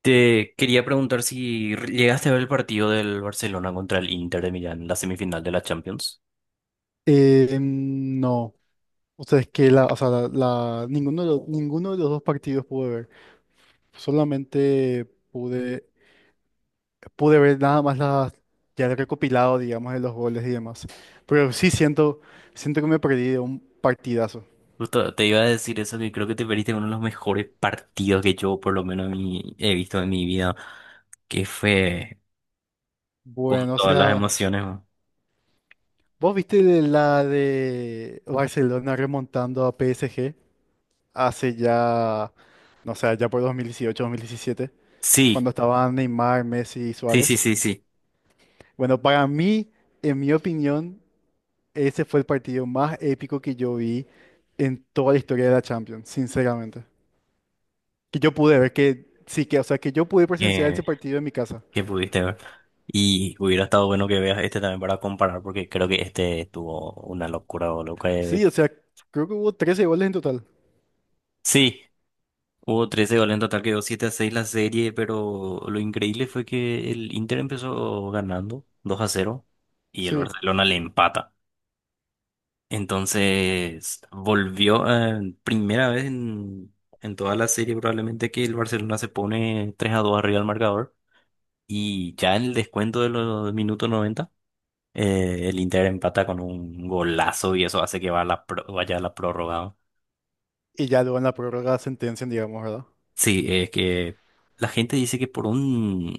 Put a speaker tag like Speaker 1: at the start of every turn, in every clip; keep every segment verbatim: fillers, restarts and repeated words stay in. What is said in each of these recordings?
Speaker 1: Te quería preguntar si llegaste a ver el partido del Barcelona contra el Inter de Milán, la semifinal de la Champions.
Speaker 2: Eh, no, o sea, es que la, o sea, la, la- ninguno de los, ninguno de los dos partidos pude ver. Solamente pude, pude ver nada más las, ya el recopilado, digamos, de los goles y demás. Pero sí siento, siento que me perdí de un partidazo.
Speaker 1: Justo te iba a decir eso, que creo que te perdiste uno de los mejores partidos que yo por lo menos mi- he visto en mi vida, que fue con
Speaker 2: Bueno, o
Speaker 1: todas las
Speaker 2: sea,
Speaker 1: emociones, ¿no?
Speaker 2: ¿vos viste de la de Barcelona remontando a P S G hace ya, no sé, ya por dos dos mil dieciocho, dos mil diecisiete,
Speaker 1: Sí,
Speaker 2: cuando estaban Neymar, Messi y
Speaker 1: sí, sí,
Speaker 2: Suárez?
Speaker 1: sí, sí,
Speaker 2: Bueno, para mí, en mi opinión, ese fue el partido más épico que yo vi en toda la historia de la Champions, sinceramente. Que yo pude ver que, sí, que, o sea, que yo pude presenciar
Speaker 1: que,
Speaker 2: ese partido en mi casa.
Speaker 1: que pudiste ver. Y hubiera estado bueno que veas este también para comparar, porque creo que este tuvo una locura, o lo que...
Speaker 2: Sí, o sea, creo que hubo trece goles en total.
Speaker 1: Sí. Hubo trece goles en total, quedó siete a seis la serie, pero lo increíble fue que el Inter empezó ganando dos a cero y el
Speaker 2: Sí.
Speaker 1: Barcelona le empata. Entonces volvió, eh, primera vez en, en toda la serie probablemente que el Barcelona se pone tres a dos arriba del marcador, y ya en el descuento de los minutos noventa eh, el Inter empata con un golazo y eso hace que va a la pro- vaya a la prórroga, ¿no?
Speaker 2: Y ya luego en la prórroga sentencian, digamos, ¿verdad?
Speaker 1: Sí, es que la gente dice que por un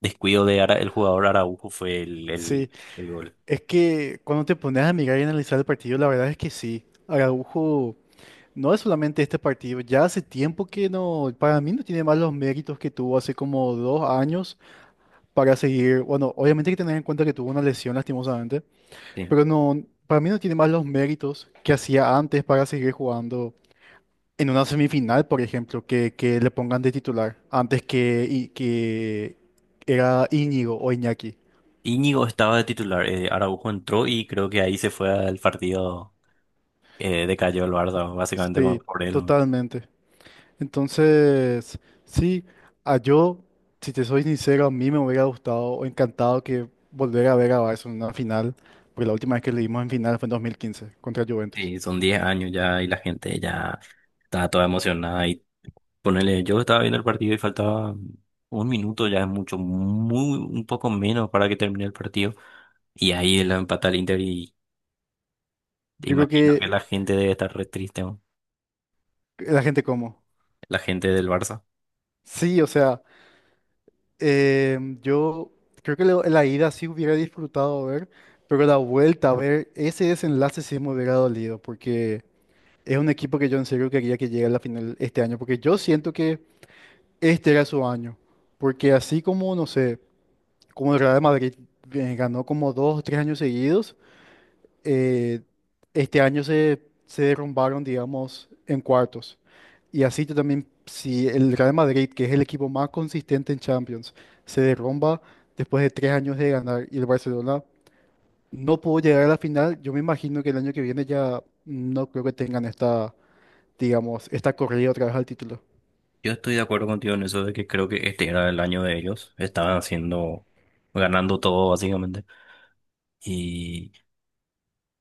Speaker 1: descuido de Ara- el jugador Araujo fue el,
Speaker 2: Sí.
Speaker 1: el, el gol.
Speaker 2: Es que cuando te pones a mirar y analizar el partido, la verdad es que sí. Araujo no es solamente este partido, ya hace tiempo que no, para mí no tiene más los méritos que tuvo hace como dos años para seguir. Bueno, obviamente hay que tener en cuenta que tuvo una lesión lastimosamente,
Speaker 1: Sí.
Speaker 2: pero no, para mí no tiene más los méritos que hacía antes para seguir jugando en una semifinal, por ejemplo, que, que le pongan de titular antes que, y, que era Íñigo o Iñaki.
Speaker 1: Íñigo estaba de titular, eh, Araujo entró y creo que ahí se fue al partido, eh, decayó el Barça, básicamente con,
Speaker 2: Sí,
Speaker 1: por él.
Speaker 2: totalmente. Entonces, sí, a yo, si te soy sincero, a mí me hubiera gustado o encantado que volver a ver a Barça en una final, porque la última vez que le dimos en final fue en dos mil quince contra Juventus.
Speaker 1: Sí, son diez años ya y la gente ya estaba toda emocionada. Y ponele, yo estaba viendo el partido y faltaba un minuto, ya es mucho, muy, un poco menos para que termine el partido. Y ahí la empata el Inter y te
Speaker 2: Yo creo
Speaker 1: imagino que
Speaker 2: que
Speaker 1: la gente debe estar re triste, ¿no?
Speaker 2: la gente como.
Speaker 1: La gente del Barça.
Speaker 2: Sí, o sea, eh, yo creo que lo- la ida sí hubiera disfrutado ver, pero la vuelta a ver ese desenlace sí me hubiera dolido, porque es un equipo que yo en serio quería que llegue a la final este año, porque yo siento que este era su año, porque así como, no sé, como el Real Madrid eh, ganó como dos o tres años seguidos. eh, este año se, se derrumbaron, digamos, en cuartos. Y así tú también, si el Real Madrid, que es el equipo más consistente en Champions, se derrumba después de tres años de ganar y el Barcelona no pudo llegar a la final, yo me imagino que el año que viene ya no creo que tengan esta, digamos, esta corrida otra vez al título.
Speaker 1: Yo estoy de acuerdo contigo en eso de que creo que este era el año de ellos. Estaban haciendo, ganando todo básicamente. Y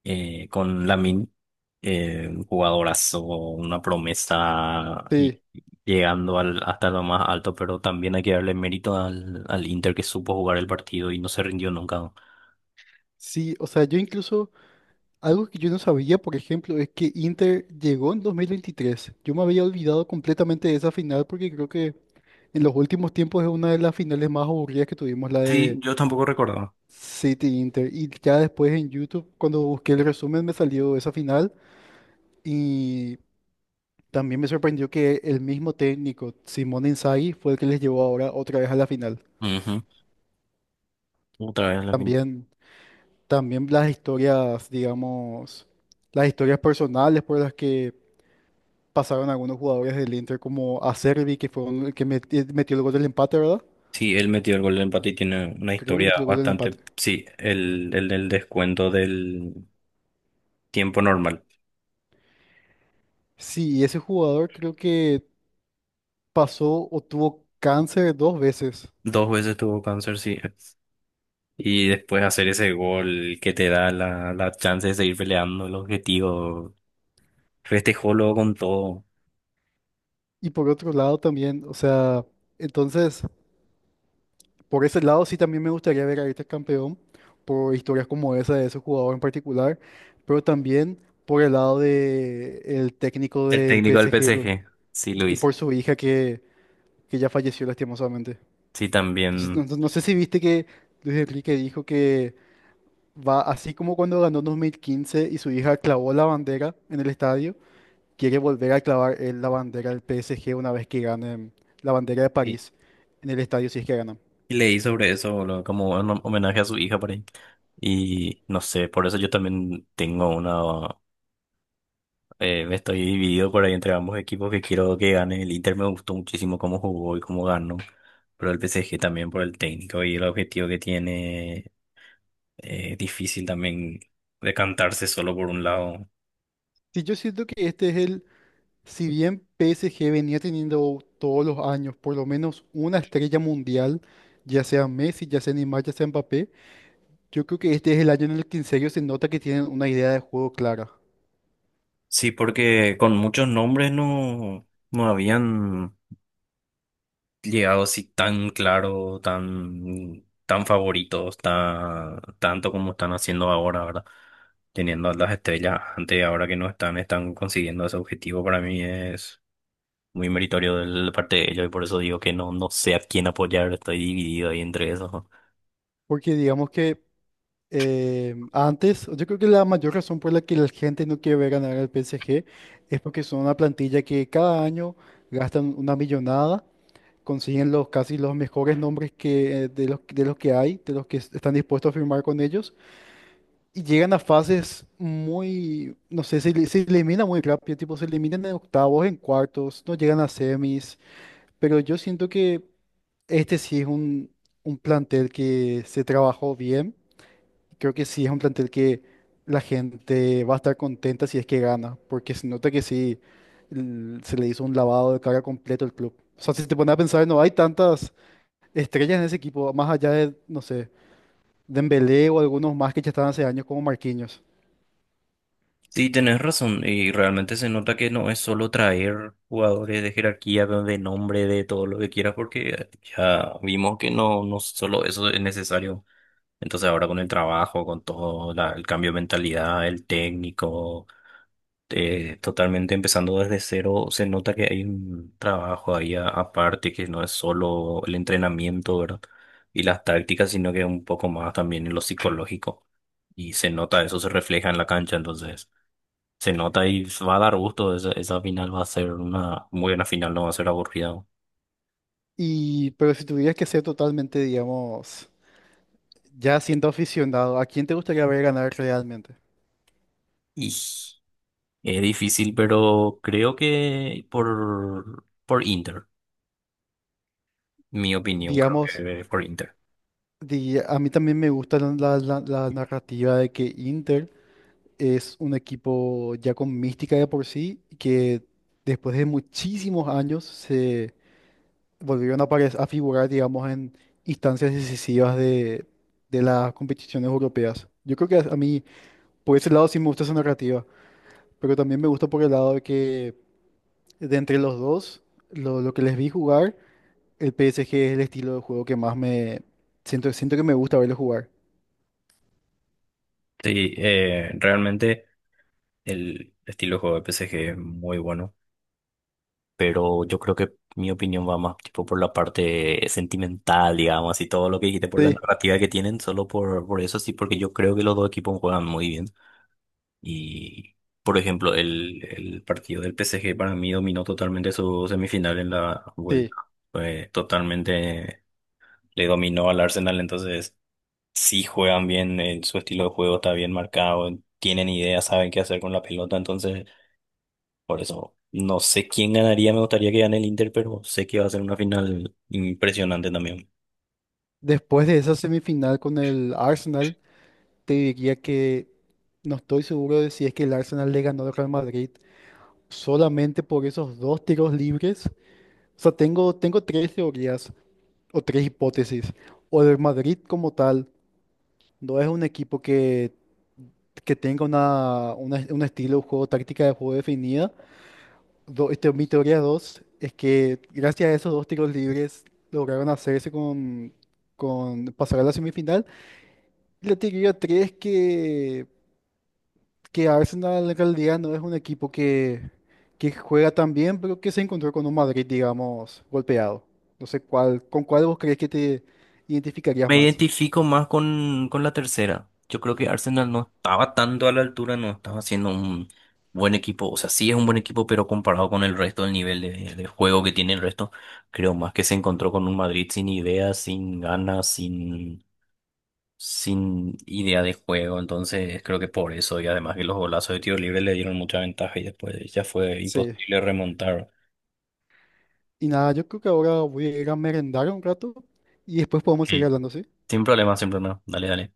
Speaker 1: eh, con Lamine, eh, un jugadorazo, una promesa y
Speaker 2: Sí,
Speaker 1: llegando al, hasta lo más alto, pero también hay que darle mérito al, al Inter que supo jugar el partido y no se rindió nunca.
Speaker 2: sí, o sea, yo incluso, algo que yo no sabía, por ejemplo, es que Inter llegó en dos mil veintitrés. Yo me había olvidado completamente de esa final porque creo que en los últimos tiempos es una de las finales más aburridas que tuvimos, la
Speaker 1: Sí,
Speaker 2: de
Speaker 1: yo tampoco recordaba.
Speaker 2: City Inter. Y ya después en YouTube, cuando busqué el resumen, me salió esa final. Y también me sorprendió que el mismo técnico, Simone Inzaghi, fue el que les llevó ahora otra vez a la final.
Speaker 1: Ujú, otra vez la final.
Speaker 2: También, también las historias, digamos, las historias personales por las que pasaron algunos jugadores del Inter, como Acerbi, que fue el que meti- metió el gol del empate, ¿verdad?
Speaker 1: Sí, él metió el gol de empate y tiene una
Speaker 2: Creo que metió
Speaker 1: historia
Speaker 2: el gol del empate.
Speaker 1: bastante. Sí, el, el del descuento del tiempo normal.
Speaker 2: Sí, y ese jugador creo que pasó o tuvo cáncer dos veces.
Speaker 1: Dos veces tuvo cáncer, sí. Y después hacer ese gol que te da la, la chance de seguir peleando el objetivo. Festejó luego con todo.
Speaker 2: Y por otro lado también, o sea, entonces, por ese lado sí también me gustaría ver a Ayrton campeón, por historias como esa de ese jugador en particular, pero también por el lado de el técnico
Speaker 1: El
Speaker 2: del
Speaker 1: técnico del
Speaker 2: P S G lo-
Speaker 1: P S G, sí,
Speaker 2: y
Speaker 1: Luis.
Speaker 2: por su hija que, que ya falleció lastimosamente.
Speaker 1: Sí,
Speaker 2: Entonces,
Speaker 1: también.
Speaker 2: no, no- no sé si viste que Luis Enrique dijo que va así como cuando ganó en dos mil quince y su hija clavó la bandera en el estadio. Quiere volver a clavar él la bandera del P S G una vez que ganen la bandera de
Speaker 1: Y,
Speaker 2: París en el estadio si es que ganan.
Speaker 1: y leí sobre eso, boludo, como un homenaje a su hija por ahí. Y no sé, por eso yo también tengo una... eh, me estoy dividido por ahí entre ambos equipos que quiero que gane. El Inter me gustó muchísimo cómo jugó y cómo ganó. Pero el P S G también por el técnico y el objetivo que tiene, eh, difícil también decantarse solo por un lado.
Speaker 2: Sí, yo siento que este es el, si bien P S G venía teniendo todos los años por lo menos una estrella mundial, ya sea Messi, ya sea Neymar, ya sea Mbappé, yo creo que este es el año en el que en serio se nota que tienen una idea de juego clara.
Speaker 1: Sí, porque con muchos nombres no, no habían llegado así tan claro, tan, tan favoritos, tan, tanto como están haciendo ahora, ¿verdad? Teniendo a las estrellas antes, ahora que no están, están consiguiendo ese objetivo, para mí es muy meritorio de la parte de ellos y por eso digo que no, no sé a quién apoyar, estoy dividido ahí entre esos, ¿no?
Speaker 2: Porque digamos que eh, antes, yo creo que la mayor razón por la que la gente no quiere ver ganar al P S G es porque son una plantilla que cada año gastan una millonada, consiguen los casi los mejores nombres que, eh, de los, de los que hay, de los que es- están dispuestos a firmar con ellos, y llegan a fases muy, no sé, se, ele- se elimina muy rápido, tipo se eliminan en octavos, en cuartos, no llegan a semis, pero yo siento que este sí es un, un plantel que se trabajó bien. Creo que sí es un plantel que la gente va a estar contenta si es que gana, porque se nota que sí l- se le hizo un lavado de cara completo al club. O sea, si te pones a pensar, no hay tantas estrellas en ese equipo, más allá de, no sé, Dembélé o algunos más que ya estaban hace años como Marquinhos.
Speaker 1: Sí, tenés razón, y realmente se nota que no es solo traer jugadores de jerarquía, de nombre, de todo lo que quieras, porque ya vimos que no, no solo eso es necesario. Entonces ahora con el trabajo, con todo la- el cambio de mentalidad, el técnico, eh, totalmente empezando desde cero, se nota que hay un trabajo ahí a- aparte, que no es solo el entrenamiento, ¿verdad? Y las tácticas, sino que un poco más también en lo psicológico. Y se nota, eso se refleja en la cancha, entonces. Se nota y va a dar gusto. Esa, esa final va a ser una muy buena final, no va a ser aburrida.
Speaker 2: Y, pero si tuvieras que ser totalmente, digamos, ya siendo aficionado, ¿a quién te gustaría ver ganar realmente?
Speaker 1: Y es difícil, pero creo que por, por Inter, mi opinión, creo
Speaker 2: Digamos,
Speaker 1: que eh, por Inter.
Speaker 2: di- a mí también me gusta la, la la- la narrativa de que Inter es un equipo ya con mística de por sí, que después de muchísimos años se volvieron a, apare- a figurar, digamos, en instancias decisivas de, de las competiciones europeas. Yo creo que a a mí, por ese lado, sí me gusta esa narrativa, pero también me gusta por el lado de que de entre los dos, lo, lo que les vi jugar, el P S G es el estilo de juego que más me siento, siento que me gusta verlo jugar.
Speaker 1: Sí, eh, realmente el estilo de juego de P S G es muy bueno, pero yo creo que mi opinión va más tipo por la parte sentimental, digamos, y todo lo que dijiste por la
Speaker 2: Sí,
Speaker 1: narrativa que tienen, solo por, por eso sí, porque yo creo que los dos equipos juegan muy bien. Y, por ejemplo, el, el partido del P S G para mí dominó totalmente su semifinal en la
Speaker 2: sí.
Speaker 1: vuelta. Fue totalmente le dominó al Arsenal, entonces sí juegan bien, eh, su estilo de juego está bien marcado, tienen ideas, saben qué hacer con la pelota, entonces por eso no sé quién ganaría, me gustaría que gane el Inter, pero sé que va a ser una final impresionante también.
Speaker 2: Después de esa semifinal con el Arsenal, te diría que no estoy seguro de si es que el Arsenal le ganó al Real Madrid solamente por esos dos tiros libres. O sea, tengo, tengo tres teorías o tres hipótesis. O el Madrid como tal no es un equipo que, que tenga una, una- un estilo de juego, táctica de juego definida. Do- este, mi teoría dos es que gracias a esos dos tiros libres lograron hacerse con, con pasar a la semifinal. Y la teoría tres que... que Arsenal en realidad no es un equipo que, que juega tan bien, pero que se encontró con un Madrid, digamos, golpeado. No sé cuál, con cuál vos crees que te identificarías
Speaker 1: Me
Speaker 2: más.
Speaker 1: identifico más con, con la tercera. Yo creo que Arsenal no estaba tanto a la altura, no estaba siendo un buen equipo. O sea, sí es un buen equipo, pero comparado con el resto, el nivel de, de juego que tiene el resto, creo más que se encontró con un Madrid sin ideas, sin ganas, sin, sin idea de juego. Entonces, creo que por eso, y además que los golazos de tiro libre le dieron mucha ventaja y después ya fue
Speaker 2: Sí.
Speaker 1: imposible remontar.
Speaker 2: Y nada, yo creo que ahora voy a ir a merendar un rato y después podemos seguir
Speaker 1: Sí.
Speaker 2: hablando, ¿sí?
Speaker 1: Sin problema, sin problema. Dale, dale.